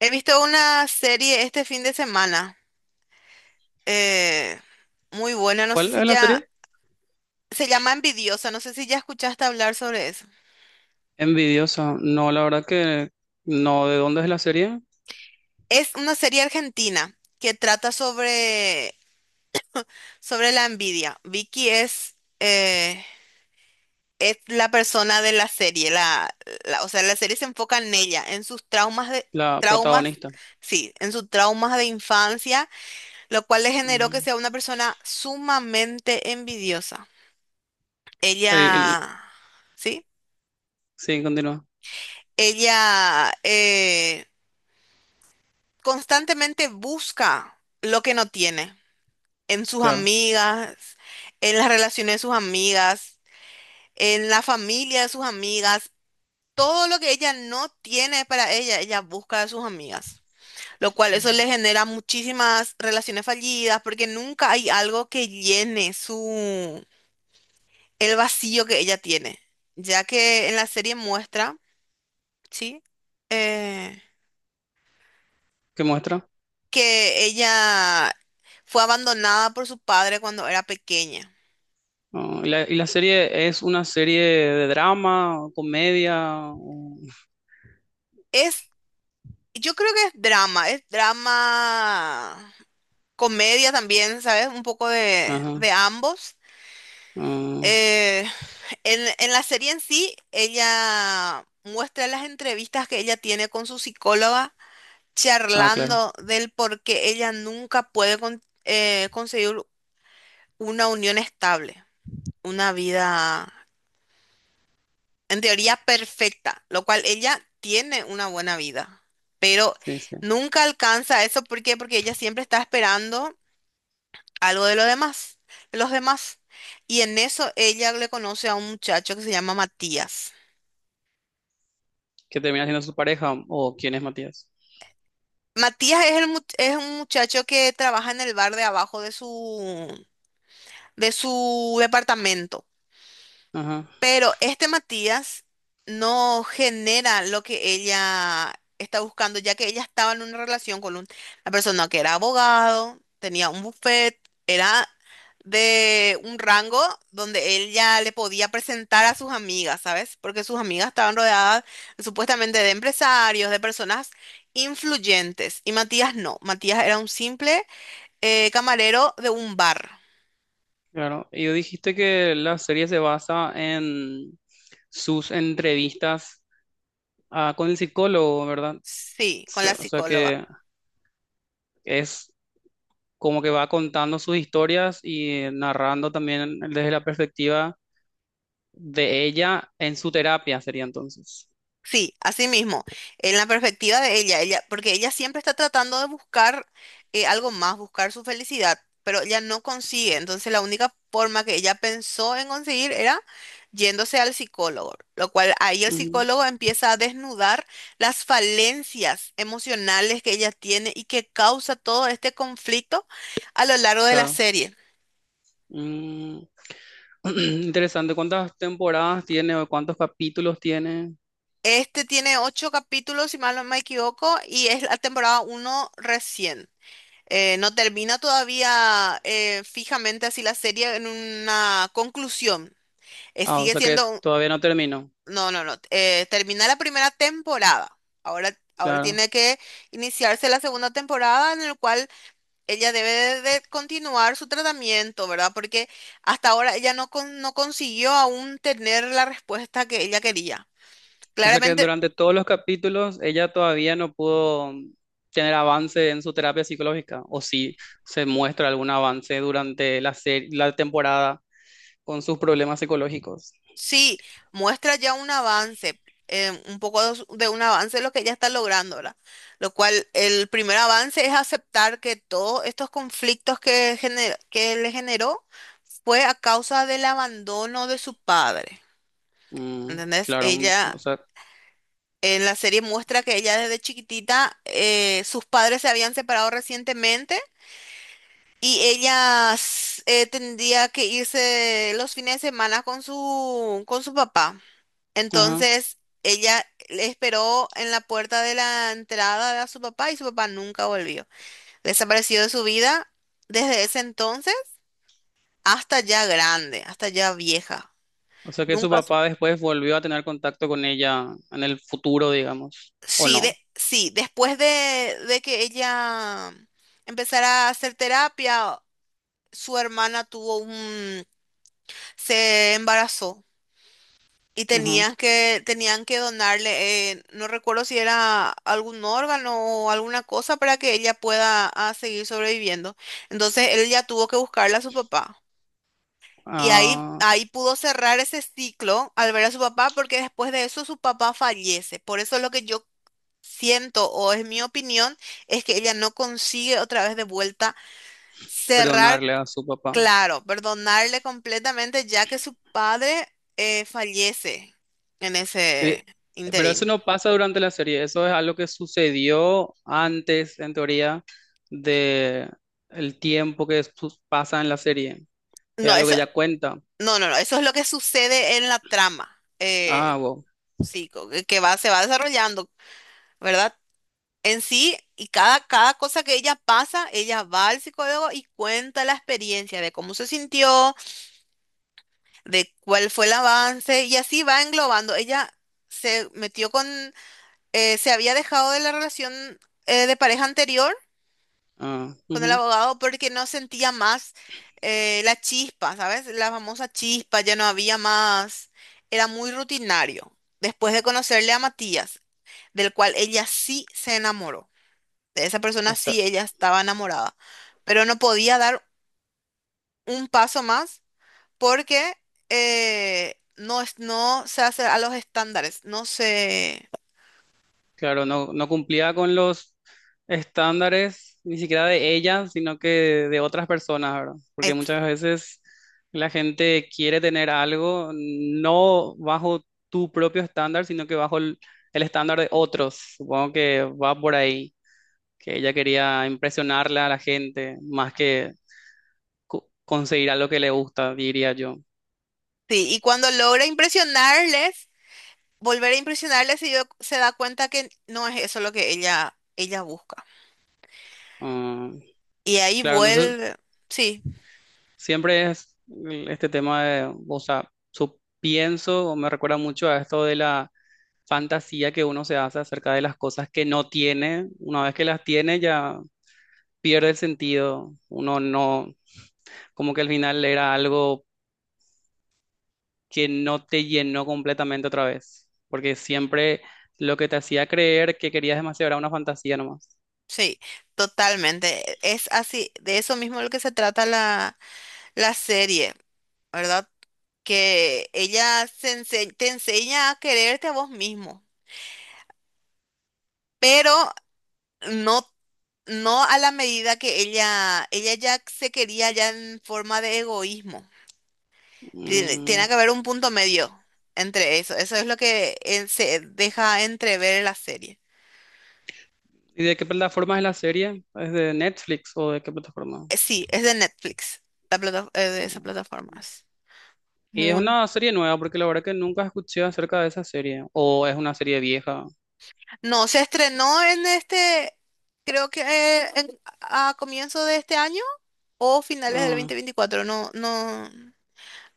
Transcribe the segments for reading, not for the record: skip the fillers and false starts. He visto una serie este fin de semana, eh, muy buena, no sé ¿Cuál si es la ya, serie? se llama Envidiosa, no sé si ya escuchaste hablar sobre eso. Envidiosa. No, la verdad que no. ¿De dónde es la serie? Es una serie argentina que trata sobre la envidia. Vicky es la persona de la serie, o sea, la serie se enfoca en ella, en sus traumas de, La traumas, protagonista. sí, en sus traumas de infancia, lo cual le generó que Mm. sea una persona sumamente envidiosa. El- el- Ella... ¿Sí? sí, continúa. Ella constantemente busca lo que no tiene en sus Claro. amigas, en las relaciones de sus amigas, en la familia de sus amigas. Todo lo que ella no tiene para ella, ella busca de sus amigas. Lo cual eso le genera muchísimas relaciones fallidas porque nunca hay algo que llene su el vacío que ella tiene. Ya que en la serie muestra, ¿sí? Eh, ¿Qué muestra? que ella fue abandonada por su padre cuando era pequeña. Ah, ¿y la serie es una serie de drama, comedia? O... Es, yo creo que es drama, comedia también, ¿sabes? Un poco Ajá. de ambos. Ah, Eh, en la serie en sí, ella muestra las entrevistas que ella tiene con su psicóloga, ah, claro. charlando del por qué ella nunca puede conseguir una unión estable, una vida en teoría perfecta, lo cual ella tiene una buena vida, pero Sí, sí. nunca alcanza eso. ¿Por qué? Porque ella siempre está esperando algo de los demás, de los demás. Y en eso ella le conoce a un muchacho que se llama Matías. ¿Que termina siendo su pareja? ¿O quién es Matías? Matías es, es un muchacho que trabaja en el bar de abajo de su departamento. Ajá. Pero este Matías no genera lo que ella está buscando, ya que ella estaba en una relación con una persona que era abogado, tenía un buffet, era de un rango donde él ya le podía presentar a sus amigas, ¿sabes? Porque sus amigas estaban rodeadas supuestamente de empresarios, de personas influyentes. Y Matías no, Matías era un simple camarero de un bar. Claro. Y dijiste que la serie se basa en sus entrevistas, ah, con el psicólogo, ¿verdad? O Sí, con la sea o sea psicóloga. que es como que va contando sus historias y narrando también desde la perspectiva de ella en su terapia, sería entonces. Sí, así mismo, en la perspectiva de ella, ella, porque ella siempre está tratando de buscar algo más, buscar su felicidad, pero ella no consigue. Entonces la única forma que ella pensó en conseguir era yéndose al psicólogo, lo cual ahí el Ujú, psicólogo empieza a desnudar las falencias emocionales que ella tiene y que causa todo este conflicto a lo largo de la claro. serie. Mm, Interesante. ¿Cuántas temporadas tiene o cuántos capítulos tiene? Este tiene ocho capítulos, si mal no me equivoco, y es la temporada uno recién. No termina todavía fijamente así la serie en una conclusión. Ah, o Sigue sea que siendo... todavía no terminó. No, no, no. Termina la primera temporada. Ahora Claro. tiene que iniciarse la segunda temporada en el cual ella debe de continuar su tratamiento, ¿verdad? Porque hasta ahora ella no consiguió aún tener la respuesta que ella quería. O sea que Claramente durante todos los capítulos ella todavía no pudo tener avance en su terapia psicológica. O si se muestra algún avance durante la temporada con sus problemas psicológicos. sí, muestra ya un avance, un poco de un avance de lo que ya está logrando, ¿verdad? Lo cual, el primer avance es aceptar que todos estos conflictos que le generó fue a causa del abandono de su padre. Mm, ¿Entendés? claro, un- Ella, o sea, en la serie muestra que ella desde chiquitita, sus padres se habían separado recientemente y ella tendría que irse los fines de semana con su papá. ajá. Entonces ella le esperó en la puerta de la entrada a su papá y su papá nunca volvió. Desapareció de su vida desde ese entonces hasta ya grande, hasta ya vieja. O sea que su Nunca. Papá después volvió a tener contacto con ella en el futuro, digamos, o Sí, no. sí, después de que ella empezara a hacer terapia, su hermana tuvo un... se embarazó. Y Ajá. tenías que, tenían que donarle, no recuerdo si era algún órgano o alguna cosa para que ella pueda seguir sobreviviendo. Entonces él ya tuvo que buscarle a su papá. Y ahí, Ah, ahí pudo cerrar ese ciclo al ver a su papá, porque después de eso su papá fallece. Por eso lo que yo siento, o es mi opinión, es que ella no consigue otra vez de vuelta cerrar. perdonarle a su papá. Claro, perdonarle completamente ya que su padre fallece en Eh, ese Pero eso interim. no pasa durante la serie, eso es algo que sucedió antes, en teoría, de el tiempo que su- pasa en la serie. Es No, algo que eso, ella cuenta. no, no, no, eso es lo que sucede en la trama, Ah, wow. sí, que va, se va desarrollando, ¿verdad? En sí, y cada, cada cosa que ella pasa, ella va al psicólogo y cuenta la experiencia de cómo se sintió, de cuál fue el avance, y así va englobando. Ella se metió con, se había dejado de la relación de pareja anterior Ah, con el ujú. abogado porque no sentía más la chispa, ¿sabes? La famosa chispa, ya no había más, era muy rutinario. Después de conocerle a Matías, del cual ella sí se enamoró, de esa O persona sea, sí ella estaba enamorada, pero no podía dar un paso más porque no se hace a los estándares, no se... claro, no, no cumplía con los estándares ni siquiera de ella, sino que de otras personas, ¿verdad? Porque ex- muchas veces la gente quiere tener algo no bajo tu propio estándar, sino que bajo el estándar de otros. Supongo que va por ahí, que ella quería impresionarle a la gente más que conseguir algo que le gusta, diría yo. Sí, y cuando logra impresionarles, volver a impresionarle si yo- se da cuenta que no es eso lo que ella busca. Ah, Y ahí claro, no sé, vuelve, sí, siempre es este tema de, o sea, su, pienso o me recuerda mucho a esto de la fantasía que uno se hace acerca de las cosas que no tiene. Una vez que las tiene ya pierde el sentido. Uno no, como que al final era algo que no te llenó completamente otra vez, porque siempre lo que te hacía creer que querías demasiado era una fantasía nomás. sí, totalmente. Es así, de eso mismo lo que se trata la, la serie, ¿verdad? Que ella te enseña a quererte a vos mismo, pero no, no a la medida que ella ya se quería ya en forma de egoísmo. Tiene, tiene Mm. que haber un punto medio entre eso. Eso es lo que se deja entrever en la serie. ¿Y de qué plataforma es la serie? ¿Es de Netflix o de qué plataforma? Sí, es de Netflix, de esas No. plataformas. Y es Muy. una serie nueva, porque la verdad que nunca escuché acerca de esa serie. O es una serie vieja. No, se estrenó en este, creo que a comienzo de este año o finales del Ah, 2024. No, no, no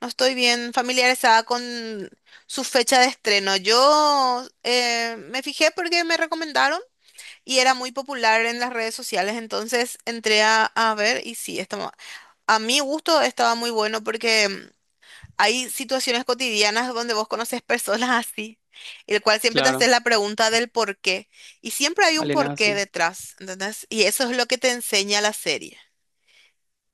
estoy bien familiarizada con su fecha de estreno. Yo me fijé porque me recomendaron. Y era muy popular en las redes sociales, entonces entré a ver y sí, estaba, a mi gusto estaba muy bueno porque mm, hay situaciones cotidianas donde vos conoces personas así, el cual siempre te haces claro, la pregunta del por qué. Y siempre hay un Alena, porqué detrás, ¿entendés? Y eso es lo que te enseña la serie.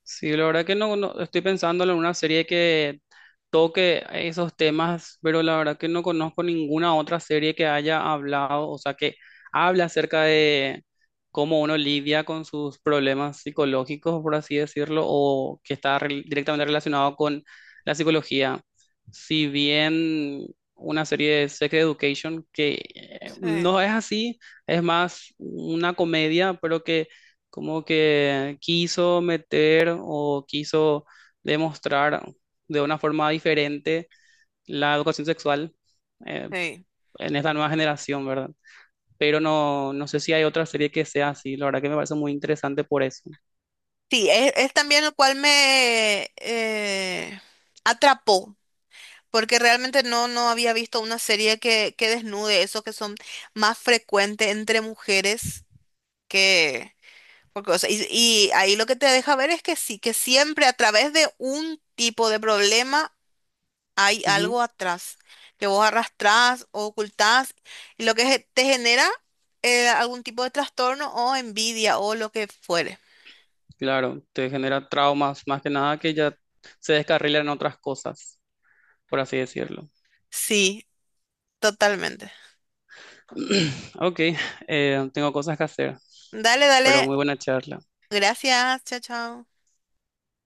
sí, la verdad que estoy pensando en una serie que toque esos temas, pero la verdad que no conozco ninguna otra serie que haya hablado, o sea, que habla acerca de cómo uno lidia con sus problemas psicológicos, por así decirlo, o que está directamente relacionado con la psicología. Si bien una serie de Sex Education que Sí, no es así, es más una comedia, pero que como que quiso meter o quiso demostrar de una forma diferente la educación sexual, eh, sí. en esta nueva generación, ¿verdad? Pero no, no sé si hay otra serie que sea así, la verdad que me parece muy interesante por eso. Sí, es también el cual me atrapó. Porque realmente no, no había visto una serie que desnude eso que son más frecuentes entre mujeres que... Porque, o sea, y ahí lo que te deja ver es que sí, que siempre a través de un tipo de problema hay Ujú. algo atrás, que vos arrastrás o ocultás, y lo que te genera algún tipo de trastorno o envidia o lo que fuere. Claro, te genera traumas, más que nada que ya se descarrilan en otras cosas, por así decirlo. Sí, totalmente. Ok, tengo cosas que hacer, Dale, pero dale. muy buena charla. Gracias. Chao, chao.